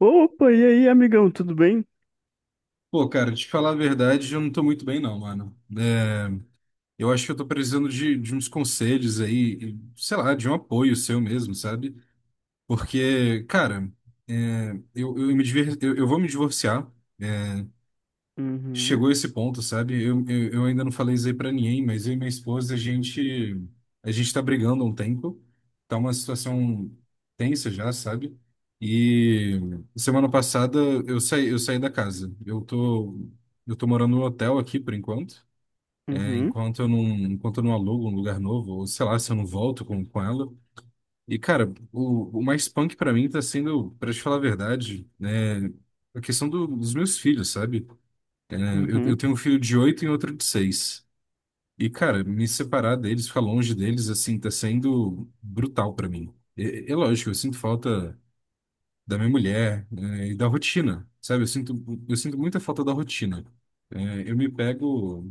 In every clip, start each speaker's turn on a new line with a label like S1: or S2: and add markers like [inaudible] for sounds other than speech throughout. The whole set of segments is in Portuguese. S1: Opa, e aí, amigão, tudo bem?
S2: Pô, cara, te falar a verdade, eu não tô muito bem, não, mano. Eu acho que eu tô precisando de uns conselhos aí, e, sei lá, de um apoio seu mesmo, sabe? Porque, cara, eu vou me divorciar,
S1: Uhum,
S2: chegou esse ponto, sabe? Eu ainda não falei isso aí pra ninguém, mas eu e minha esposa, a gente tá brigando há um tempo, tá uma situação tensa já, sabe? E semana passada eu saí da casa. Eu tô morando no hotel aqui por enquanto, né?
S1: uhum,
S2: Enquanto eu não alugo um lugar novo, ou sei lá, se eu não volto com ela. E, cara, o mais punk pra mim tá sendo, pra te falar a verdade, né? A questão dos meus filhos, sabe? Eu
S1: uhum,
S2: tenho um filho de 8 e outro de 6. E, cara, me separar deles, ficar longe deles, assim, tá sendo brutal pra mim. É, é lógico, eu sinto falta da minha mulher, né, e da rotina, sabe? Eu sinto muita falta da rotina. É, eu me pego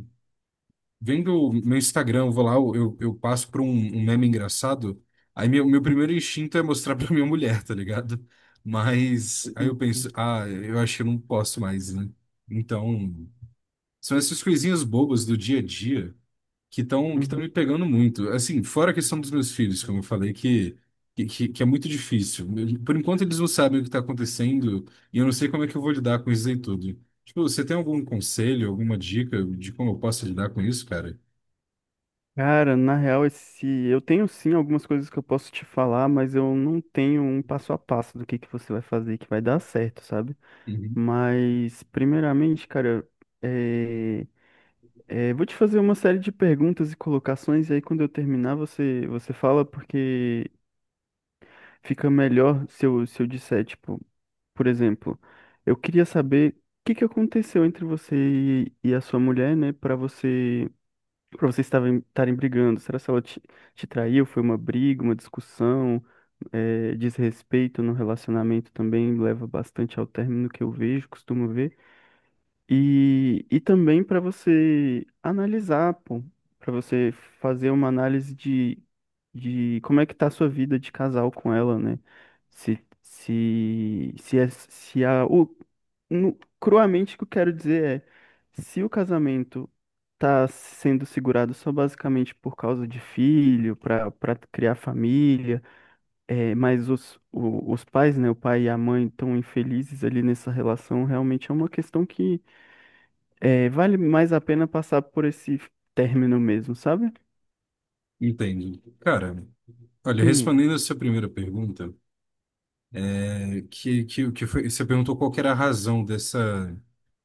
S2: vendo o meu Instagram, eu vou lá, eu passo por um meme engraçado, aí meu primeiro instinto é mostrar [laughs] pra minha mulher, tá ligado? Mas aí eu penso,
S1: uhum,
S2: ah, eu acho que eu não posso mais, né? Então, são essas coisinhas bobas do dia a dia que estão
S1: uhum.
S2: me pegando muito. Assim, fora a questão dos meus filhos, como eu falei, que é muito difícil. Por enquanto eles não sabem o que está acontecendo e eu não sei como é que eu vou lidar com isso aí tudo. Tipo, você tem algum conselho, alguma dica de como eu posso lidar com isso, cara?
S1: Cara, na real, eu tenho sim algumas coisas que eu posso te falar, mas eu não tenho um passo a passo do que você vai fazer que vai dar certo, sabe?
S2: Uhum.
S1: Mas, primeiramente, cara, é... vou te fazer uma série de perguntas e colocações, e aí quando eu terminar, você fala, porque fica melhor se eu disser, tipo. Por exemplo, eu queria saber o que aconteceu entre você e a sua mulher, né, para para vocês estarem brigando. Será que ela te traiu? Foi uma briga, uma discussão? É, desrespeito no relacionamento também leva bastante ao término que eu vejo, costumo ver. E também para você analisar, pô, para você fazer uma análise de como é que tá a sua vida de casal com ela, né? Se, é- se a, o, no- Cruamente, o que eu quero dizer é, se o casamento tá sendo segurado só basicamente por causa de filho, para criar família, é, mas os pais, né, o pai e a mãe estão infelizes ali nessa relação, realmente é uma questão que é, vale mais a pena passar por esse término mesmo, sabe?
S2: Entendo. Cara, olha,
S1: Hum,
S2: respondendo a sua primeira pergunta, é, que foi, você perguntou qual que era a razão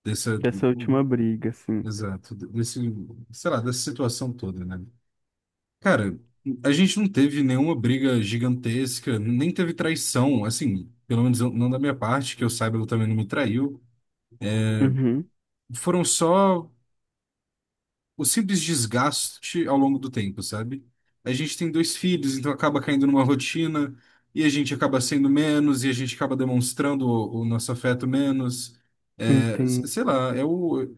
S2: dessa,
S1: dessa última briga, assim.
S2: exato, desse, sei lá, dessa situação toda, né? Cara, a gente não teve nenhuma briga gigantesca, nem teve traição, assim, pelo menos não da minha parte, que eu saiba, ela também não me traiu.
S1: Uhum,
S2: Foram só o simples desgaste ao longo do tempo, sabe? A gente tem dois filhos, então acaba caindo numa rotina, e a gente acaba sendo menos, e a gente acaba demonstrando o nosso afeto menos. É,
S1: entendo.
S2: sei lá,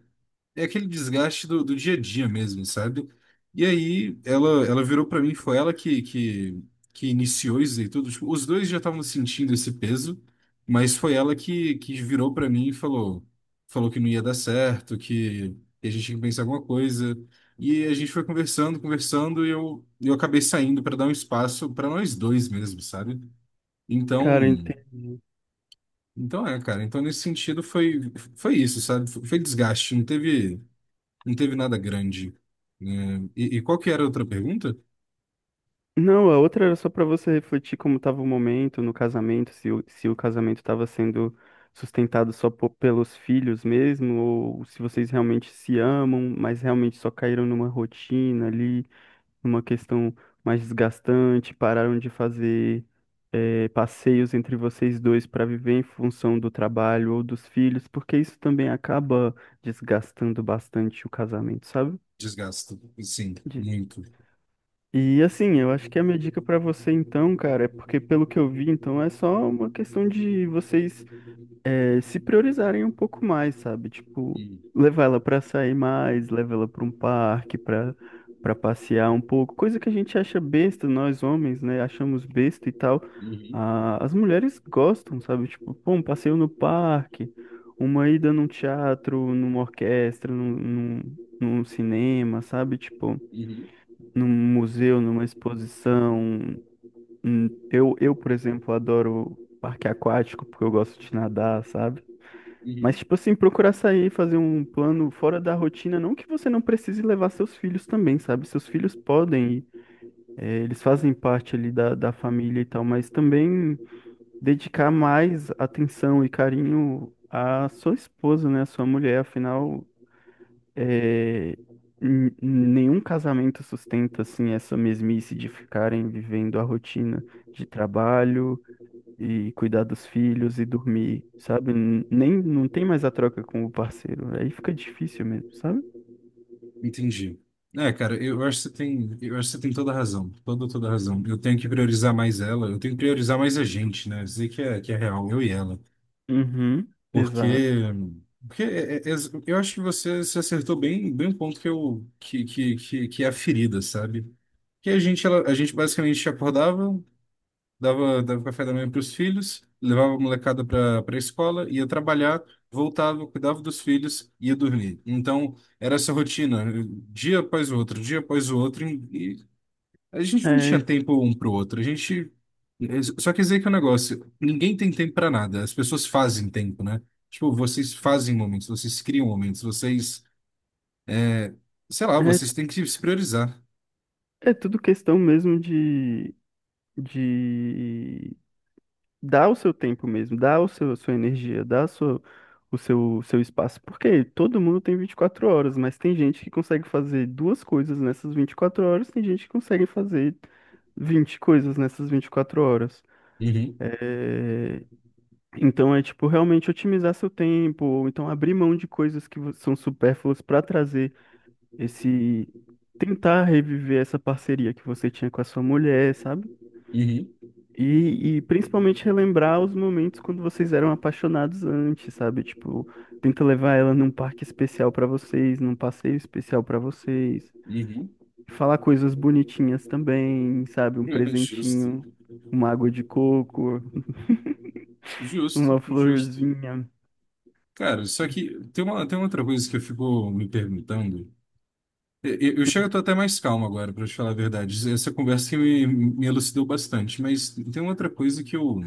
S2: é aquele desgaste do dia a dia mesmo, sabe? E aí ela virou pra mim, foi ela que iniciou isso e tudo. Tipo, os dois já estavam sentindo esse peso, mas foi ela que virou pra mim e falou, falou que não ia dar certo, que, a gente tinha que pensar em alguma coisa. E a gente foi conversando, conversando, e eu acabei saindo pra dar um espaço pra nós dois mesmo, sabe?
S1: Cara,
S2: Então,
S1: entendi.
S2: então é, cara. Então nesse sentido foi, foi isso, sabe? Foi desgaste, não teve. Não teve nada grande, né? E qual que era a outra pergunta?
S1: Não, a outra era só pra você refletir como estava o momento no casamento, se se o casamento estava sendo sustentado só pelos filhos mesmo, ou se vocês realmente se amam, mas realmente só caíram numa rotina ali, numa questão mais desgastante, pararam de fazer passeios entre vocês dois para viver em função do trabalho ou dos filhos, porque isso também acaba desgastando bastante o casamento, sabe?
S2: Desgasto. Sim, muito.
S1: E assim, eu acho que a minha dica pra você então, cara, é porque pelo que eu vi, então é só uma questão de vocês se priorizarem um pouco mais, sabe? Tipo, levar ela pra sair mais, levar ela pra um parque, pra para passear um pouco, coisa que a gente acha besta, nós homens, né? Achamos besta e tal.
S2: Hum.
S1: Ah, as mulheres gostam, sabe? Tipo, pô, um passeio no parque, uma ida num teatro, numa orquestra, num cinema, sabe? Tipo
S2: Uhum, uhum,
S1: num museu, numa exposição. Eu, por exemplo, adoro parque aquático porque eu gosto de nadar, sabe? Mas,
S2: uhum.
S1: tipo assim, procurar sair, fazer um plano fora da rotina, não que você não precise levar seus filhos também, sabe? Seus filhos podem ir, eles fazem parte ali da família e tal, mas também dedicar mais atenção e carinho à sua esposa, né? À sua mulher, afinal. É, nenhum casamento sustenta assim essa mesmice de ficarem vivendo a rotina de trabalho e cuidar dos filhos e dormir, sabe? Nem não tem mais a troca com o parceiro. Aí fica difícil mesmo, sabe?
S2: Entendi. É, cara, eu acho que você tem toda a razão, toda a razão. Eu tenho que priorizar mais ela, eu tenho que priorizar mais a gente, né? Dizer que é real, eu e ela.
S1: Uhum,
S2: Porque,
S1: exato.
S2: porque é- é- é- eu acho que você se acertou bem, bem um ponto que que é a ferida, sabe? Que a gente basicamente acordava, dava café da manhã para os filhos, levava a molecada para a escola, ia trabalhar, voltava, cuidava dos filhos, ia dormir. Então, era essa rotina, dia após o outro, dia após o outro, e a gente não tinha
S1: É,
S2: tempo um para o outro. A gente. É, só quer dizer que é um negócio, ninguém tem tempo para nada, as pessoas fazem tempo, né? Tipo, vocês fazem momentos, vocês criam momentos, vocês, sei lá,
S1: é,
S2: vocês têm que se priorizar.
S1: é tudo questão mesmo de dá o seu tempo mesmo, a sua energia, dá a sua, o seu espaço. Porque todo mundo tem 24 horas, mas tem gente que consegue fazer duas coisas nessas 24 horas, tem gente que consegue fazer 20 coisas nessas 24 horas.
S2: Uhum.
S1: É, então é tipo realmente otimizar seu tempo, ou então abrir mão de coisas que são supérfluas para trazer esse. Tentar reviver essa parceria que você tinha com a sua mulher, sabe?
S2: Uhum.
S1: E principalmente relembrar os momentos quando vocês eram apaixonados antes, sabe? Tipo, tenta levar ela num parque especial pra vocês, num passeio especial pra vocês.
S2: Uhum.
S1: Falar coisas bonitinhas também, sabe? Um
S2: [laughs] Justo.
S1: presentinho, uma água de coco,
S2: Justo,
S1: uma
S2: justo.
S1: florzinha.
S2: Cara, só que tem uma outra coisa que eu fico me perguntando. Eu tô até mais calmo agora, pra te falar a verdade. Essa conversa me elucidou bastante, mas tem uma outra coisa que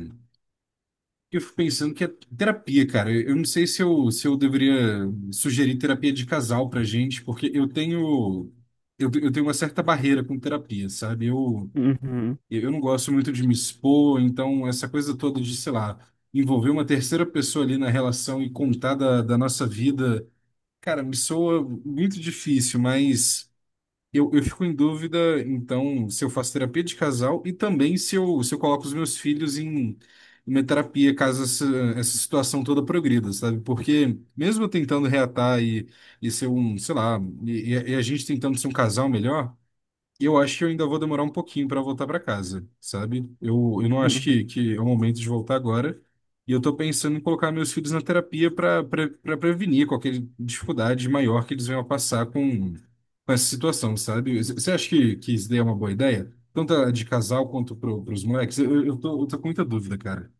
S2: que eu fico pensando que é terapia, cara. Eu não sei se eu deveria sugerir terapia de casal pra gente, porque eu tenho, eu tenho uma certa barreira com terapia, sabe?
S1: Uhum,
S2: Eu não gosto muito de me expor, então essa coisa toda de, sei lá, envolver uma terceira pessoa ali na relação e contar da nossa vida, cara, me soa muito difícil, mas. Eu fico em dúvida, então, se eu faço terapia de casal e também se eu coloco os meus filhos em em uma terapia caso essa situação toda progrida, sabe? Porque mesmo eu tentando reatar e ser um, sei lá, e a gente tentando ser um casal melhor, eu acho que eu ainda vou demorar um pouquinho para voltar para casa, sabe? Eu não acho
S1: uhum.
S2: que é o momento de voltar agora. E eu tô pensando em colocar meus filhos na terapia para prevenir qualquer dificuldade maior que eles venham a passar com essa situação, sabe? Você acha que isso daí é uma boa ideia? Tanto a de casal quanto para os moleques? Eu tô com muita dúvida, cara.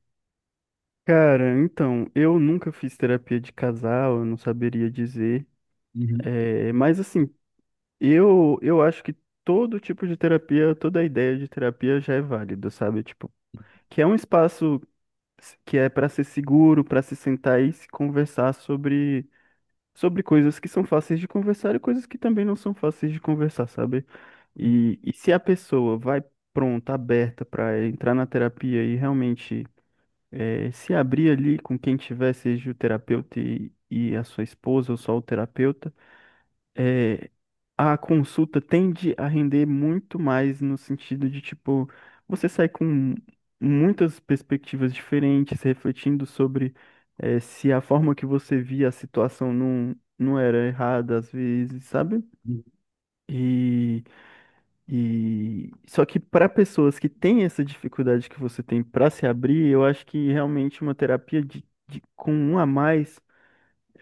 S1: Cara, então, eu nunca fiz terapia de casal, eu não saberia dizer.
S2: Uhum.
S1: É, mas assim, eu acho que todo tipo de terapia, toda ideia de terapia já é válida, sabe? Tipo, que é um espaço que é para ser seguro, para se sentar e se conversar sobre, sobre coisas que são fáceis de conversar e coisas que também não são fáceis de conversar, sabe? E se a pessoa vai pronta, aberta para entrar na terapia e realmente se abrir ali com quem tiver, seja o terapeuta e a sua esposa ou só o terapeuta. eh, a consulta tende a render muito mais no sentido de, tipo, você sai com muitas perspectivas diferentes, refletindo sobre se a forma que você via a situação não era errada às vezes, sabe? E, e só que para pessoas que têm essa dificuldade que você tem para se abrir, eu acho que realmente uma terapia com um a mais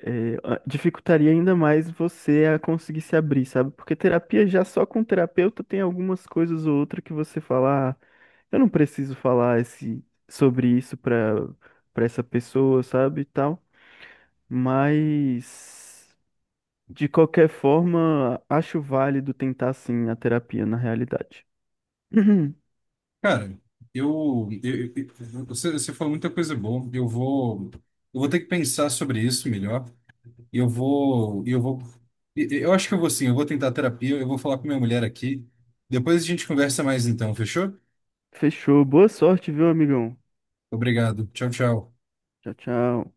S1: é, dificultaria ainda mais você a conseguir se abrir, sabe? Porque terapia já só com terapeuta tem algumas coisas ou outra que você fala, ah, eu não preciso falar sobre isso para essa pessoa, sabe? E tal. Mas de qualquer forma, acho válido tentar sim a terapia na realidade. [laughs] [clears throat]
S2: Cara, você falou muita coisa boa. Eu vou ter que pensar sobre isso melhor. Eu vou, eu vou, eu acho que eu vou sim, eu vou tentar terapia, eu vou falar com minha mulher aqui. Depois a gente conversa mais então, fechou?
S1: Fechou. Boa sorte, viu, amigão?
S2: Obrigado. Tchau, tchau.
S1: Tchau, tchau.